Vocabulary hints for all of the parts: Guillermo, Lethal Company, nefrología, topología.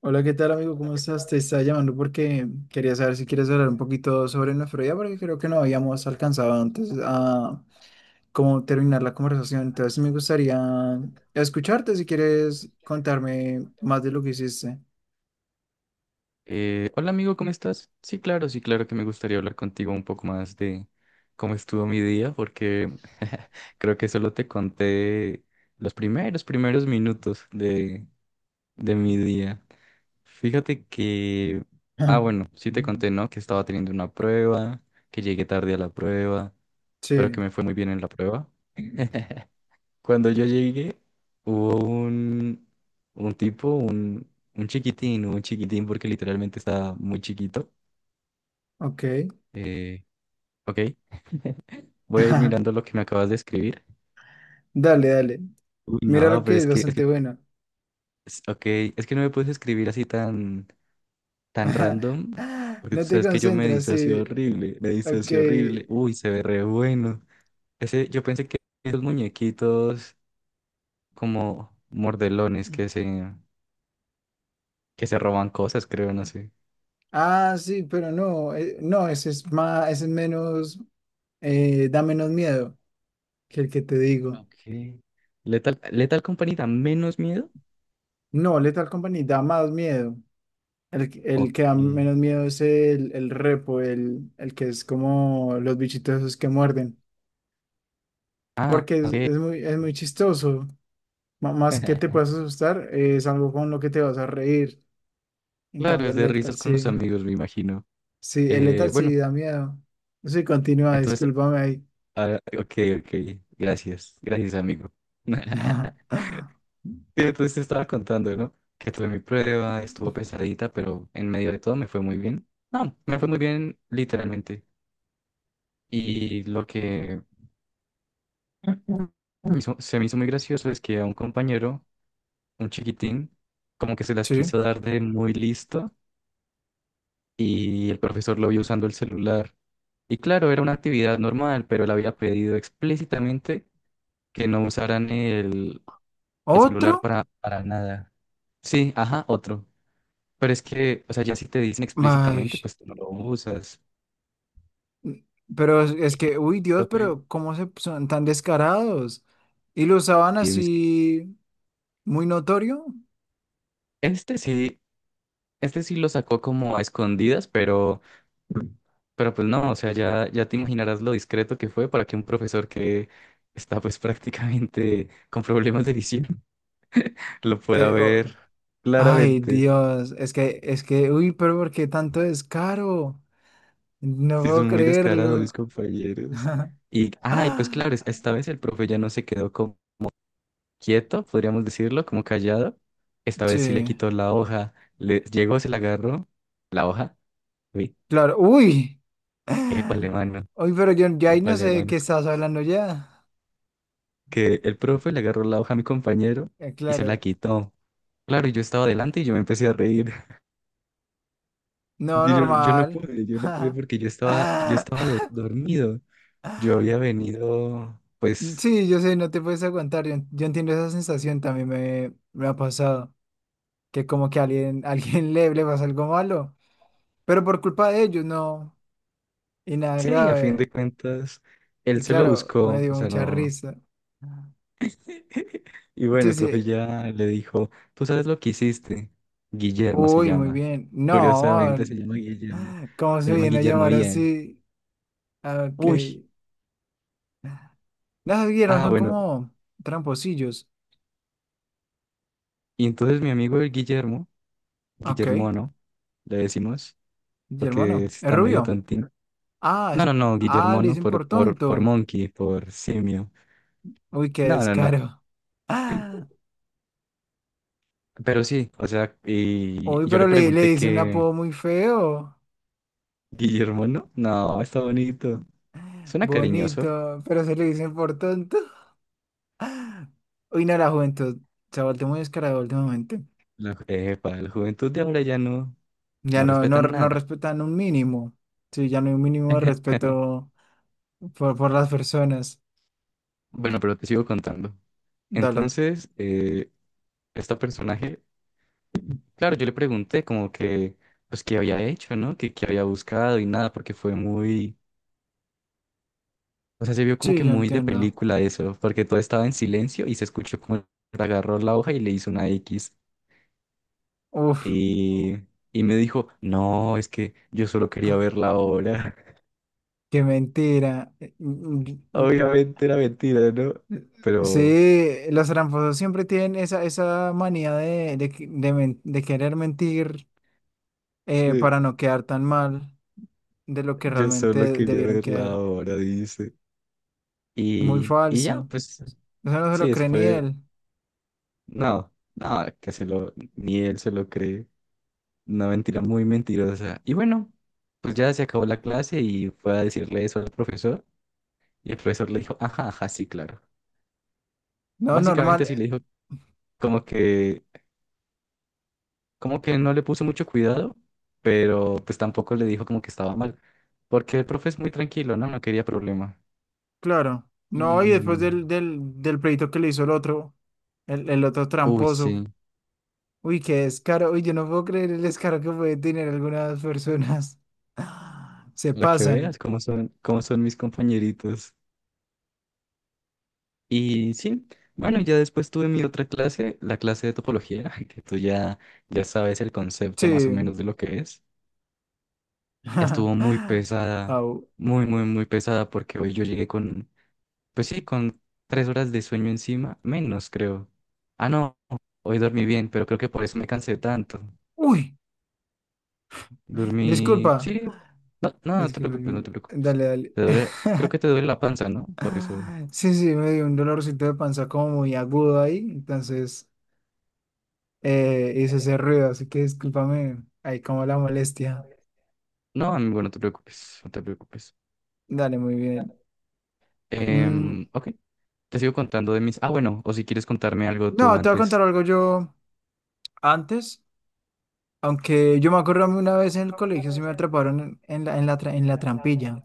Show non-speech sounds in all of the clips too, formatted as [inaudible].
Hola, ¿qué tal amigo? ¿Cómo estás? Te estaba llamando porque quería saber si quieres hablar un poquito sobre nefrología, porque creo que no habíamos alcanzado antes a cómo terminar la conversación. Entonces sí me gustaría escucharte si quieres contarme más de lo que hiciste. Hola amigo, ¿cómo estás? Sí, claro, sí, claro que me gustaría hablar contigo un poco más de cómo estuvo mi día, porque [laughs] creo que solo te conté los primeros minutos de mi día. Fíjate que, bueno, sí te conté, [laughs] ¿no? Que estaba teniendo una prueba, que llegué tarde a la prueba, pero que Sí, me fue muy bien en la prueba. [laughs] Cuando yo llegué, hubo un tipo, un chiquitín, porque literalmente estaba muy chiquito. ok. Eh, ok, voy a ir mirando lo [laughs] que me acabas de escribir. Dale, dale. Uy, Mira no, lo pero que es bastante bueno. [laughs] Ok, es que no me puedes escribir así tan, tan random, porque tú No te sabes que yo me concentras, disocio sí. horrible, me Ok. disocio horrible. Uy, se ve re bueno. Ese, yo pensé que esos muñequitos como mordelones que se roban cosas, creo, no sé. Ah, sí, pero no, no, ese es más, ese es menos. Da menos miedo que el que te digo. Ok. Lethal Company da menos miedo. No, Lethal Company da más miedo. El Ok. que da menos miedo es el repo, el que es como los bichitos esos que muerden. Ah, Porque es, ok. es muy, es muy chistoso. Más que te [laughs] puedas asustar, es algo con lo que te vas a reír. En Claro, cambio, es el de risas Lethal con los sí. amigos, me imagino. Sí, el Lethal Bueno, sí da miedo. Sí, continúa, entonces, discúlpame ahí. Ok, ok. Gracias, gracias, amigo. [laughs] [laughs] Sí, entonces te estaba contando, ¿no? Que tuve mi prueba, estuvo pesadita, pero en medio de todo me fue muy bien. No, me fue muy bien literalmente. Y lo se me hizo muy gracioso es que a un compañero, un chiquitín, como que se las quiso Sí. dar de muy listo y el profesor lo vio usando el celular. Y claro, era una actividad normal, pero él había pedido explícitamente que no usaran el ¿Otro? celular para nada. Sí, ajá, otro. Pero es que, o sea, ya si te dicen Ay, explícitamente, pues tú no lo usas. pero es, Y es no, que, pues, uy, Dios, profe, pero ¿cómo se son tan descarados? Y lo usaban y mis- así muy notorio. este sí, este sí lo sacó como a escondidas, pero pues no, o sea, ya te imaginarás lo discreto que fue para que un profesor que está pues [laughs] prácticamente con problemas de visión lo pueda Te- o- ver Ay, claramente. Dios, es que, uy, pero ¿por qué tanto descaro? No Si puedo son muy descarados mis creerlo. compañeros. [laughs] Y, ay, pues Ah, claro, esta vez el profe ya no se quedó como quieto, podríamos decirlo, como callado. Esta vez sí le sí, quitó la hoja. Le llegó, se la agarró, la hoja. Uy, claro, uy. [laughs] épale, mano, Uy, pero yo ya ahí no sé épale, de mano. qué estás hablando ya. Que el profe le agarró la hoja a mi compañero y se la Claro, quitó. Claro, y yo estaba adelante y yo me empecé a reír. no, Yo no normal. pude, yo no pude porque yo estaba [laughs] dormido. Yo había [laughs] venido, pues, Sí, yo sé, no te puedes aguantar. Yo entiendo esa sensación, también me ha pasado. Que como que a alguien, [laughs] alguien le pasa algo malo, pero por culpa de ellos, no. Y nada sí, a fin grave. de cuentas, él Y se lo claro, me buscó, o dio sea, mucha no. risa. [laughs] Y bueno, Sí, el sí. profe ya le dijo, tú sabes lo que hiciste. Guillermo se Uy, muy llama. bien. Curiosamente No, se llama Guillermo. ¿cómo Se se llama viene a Guillermo llamar bien. así? Ah, ok. Uy, Las vieron ah, son bueno. como tramposillos. Y entonces mi amigo el Guillermo, Ok. Guillermo, ¿no? Le decimos, Y porque hermano, sí es está medio rubio. tontín. Ah, No, es- no, no, ah, Guillermo, le no, dicen por por tonto. monkey, por simio. Uy, qué No, no, no. descaro. [laughs] Pero sí, o sea, Uy, y yo le pero le pregunté dice un que apodo muy feo, Guillermo, no, no, está bonito. Suena cariñoso. bonito, pero se le dicen por tonto. [laughs] Uy, no, la juventud se ha vuelto muy descarada últimamente. La, para la juventud de ahora ya no, Ya no no, no, respetan no nada. respetan un mínimo. Sí, ya no hay un mínimo de [laughs] respeto por las personas. Bueno, pero te sigo contando. Dale. Entonces, este personaje, claro, yo le pregunté como que, pues, qué había hecho, ¿no? Que qué había buscado y nada, porque fue muy. O sea, se vio como que Sí, yo muy de entiendo. película eso, porque todo estaba en silencio y se escuchó como él agarró la hoja y le hizo una X. Uf, Y, y me dijo, no, es que yo solo quería ver ah, la obra. qué mentira. [laughs] Obviamente era mentira, ¿no? Pero Sí, los tramposos siempre tienen esa, esa manía de querer mentir eh, para no quedar tan mal, de lo que yo solo realmente quería debieron ver la quedar. obra, dice. Muy Y ya, falso. pues Eso no se sí, lo eso cree ni fue, él. no, no, que se lo, ni él se lo cree. Una mentira muy mentirosa. Y bueno, pues ya se acabó la clase y fue a decirle eso al profesor. Y el profesor le dijo, ajá, ajá, sí, claro. No, Básicamente normal, sí le dijo como que, como que no le puso mucho cuidado, pero pues tampoco le dijo como que estaba mal, porque el profe es muy tranquilo, ¿no? No quería problema. claro. No, y después Y, del pleito que le hizo el otro, el otro uy, tramposo. sí, Uy, qué descaro. Uy, yo no puedo creer el descaro que puede tener algunas personas. [gasps] [sighs] Se la que veas, pasan. Cómo son mis compañeritos. Y sí, bueno, ya después tuve mi otra clase, la clase de topología, [laughs] que tú ya, ya sabes el concepto más o Sí. menos de lo que es. Estuvo [laughs] muy pesada, Au. muy, muy, muy pesada, porque hoy yo llegué con. Pues sí, con tres horas de sueño encima, menos creo. Ah, no, hoy dormí bien, pero creo que por eso me cansé tanto. Uy, Dormí, disculpa. sí, no, no, no te preocupes, no Disculpa. te preocupes. Dale, dale. Te duele, creo que te [laughs] duele la panza, ¿no? Por eso. Sí, sí, me dio un dolorcito de panza como muy agudo ahí. Entonces hizo ese ruido, así que discúlpame ahí como la molestia. No, amigo, no te preocupes, no te preocupes. Dale, muy bien. Mm, Ok, te sigo contando de mis... Ah, bueno, o si quieres contarme algo tú no, te voy a contar antes. algo yo antes, aunque yo me acuerdo a mí una vez en el colegio, sí me atraparon en la trampilla.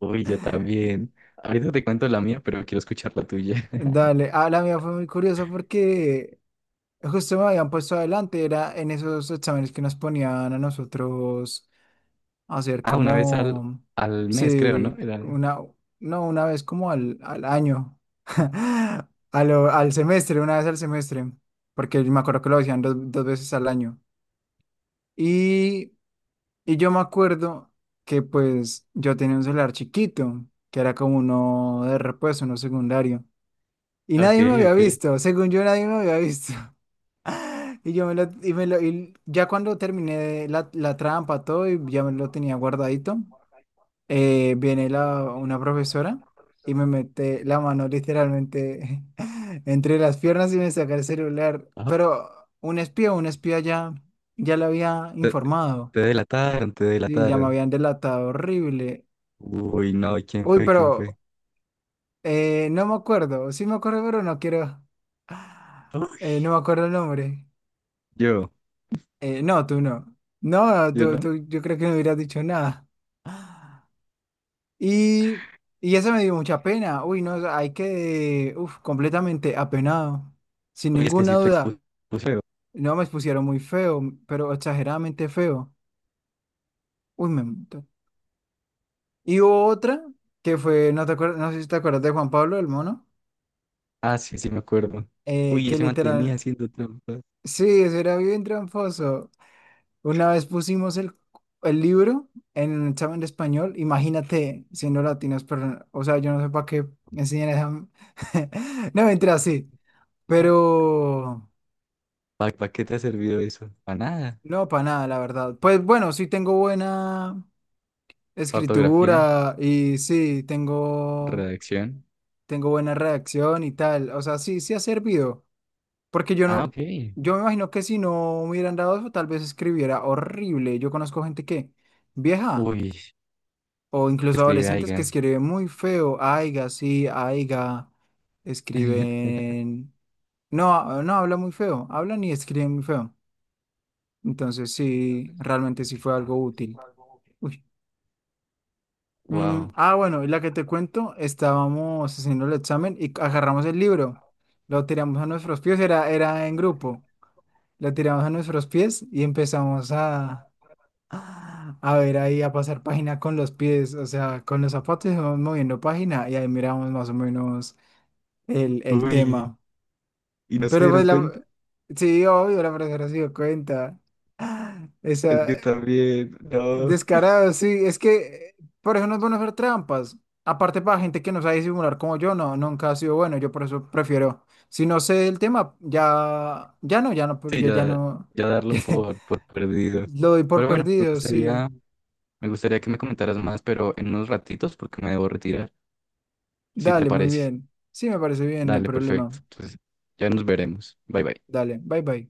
Uy, yo [laughs] también. Ahorita te cuento la mía, pero quiero escuchar la tuya. [laughs] Dale, ah, la mía fue muy curiosa porque justo me habían puesto adelante, era en esos exámenes que nos ponían a nosotros hacer Ah, una vez como, al mes, creo, ¿no? sí, Era... una, no, una vez como al año, [laughs] al semestre, una vez al semestre, porque me acuerdo que lo hacían dos, dos veces al año. Y, y yo me acuerdo que pues yo tenía un celular chiquito, que era como uno de repuesto, uno secundario. Y Ok, nadie me había ok. visto, según yo nadie me había visto. [laughs] Y yo me lo, y ya cuando terminé la trampa, todo, y ya me lo tenía guardadito. Viene una profesora y me mete la mano literalmente [laughs] entre las piernas y me saca el celular. Pero un espía, ya le había Te, informado. te delataron, te Sí, ya me delataron. habían delatado horrible. Uy, no, ¿quién Uy, fue? ¿Quién fue? pero no me acuerdo. Sí me acuerdo, pero no quiero. [sighs] Uy, No me acuerdo el nombre. yo, No, tú no. No, yo no. Yo creo que no hubieras dicho nada. Y, y eso me dio mucha pena. Uy, no, o sea, hay que, uf, completamente apenado. Sin Uy, es que ninguna sí te expuse duda. feo. No me expusieron muy feo, pero exageradamente feo. Uy, me mató. Y hubo otra que fue, no te acuerdas, no sé si te acuerdas de Juan Pablo, el mono, Ah, sí, sí, me acuerdo. Uy, que se mantenía literal, haciendo trampa. sí, eso era bien tramposo. Una vez pusimos el libro en un examen de español, imagínate siendo latinos, pero, o sea, yo no sé para qué enseñan esa... [laughs] No, mentira, sí. Pero ¿Para qué te ha servido eso? Para nada. no, para nada, la verdad. Pues bueno, sí tengo buena Ortografía, escritura y redacción. tengo buena redacción y tal. O sea, sí, sí ha servido. Porque yo Ah, no, ok. Yo me imagino que si no me hubieran dado eso, tal vez escribiera horrible. Yo conozco gente que, vieja, Uy, o que incluso escribe adolescentes que Aigan. escriben muy feo. Aiga, sí, aiga. [laughs] Escriben. No, no habla muy feo. Hablan y escriben muy feo. Entonces, sí, realmente sí fue algo útil. Uy. Mm, Wow. ah, bueno, y la que te cuento, estábamos haciendo el examen y agarramos el libro, lo tiramos a nuestros pies, era en grupo, lo tiramos a nuestros pies y empezamos a ver ahí, a pasar página con los pies, o sea, con los zapatos íbamos moviendo página y ahí miramos más o menos el Uy, tema. ¿y no se Pero pues dieron cuenta? la, sí, obvio, la profesora se dio cuenta. Es Esa, que también, no. descarado, sí, es que eh, por eso no es bueno hacer trampas. Aparte, para gente que no sabe disimular como yo, no, nunca ha sido bueno. Yo por eso prefiero, si no sé el tema, Sí, ya ya, no, ya darlo [laughs] por perdido. lo doy por Pero bueno, me perdido, sí. gustaría. Me gustaría que me comentaras más, pero en unos ratitos porque me debo retirar. Si te Dale, muy parece. bien. Sí, me parece bien, no hay Dale, perfecto. problema. Entonces, ya nos veremos. Bye bye. Dale, bye bye.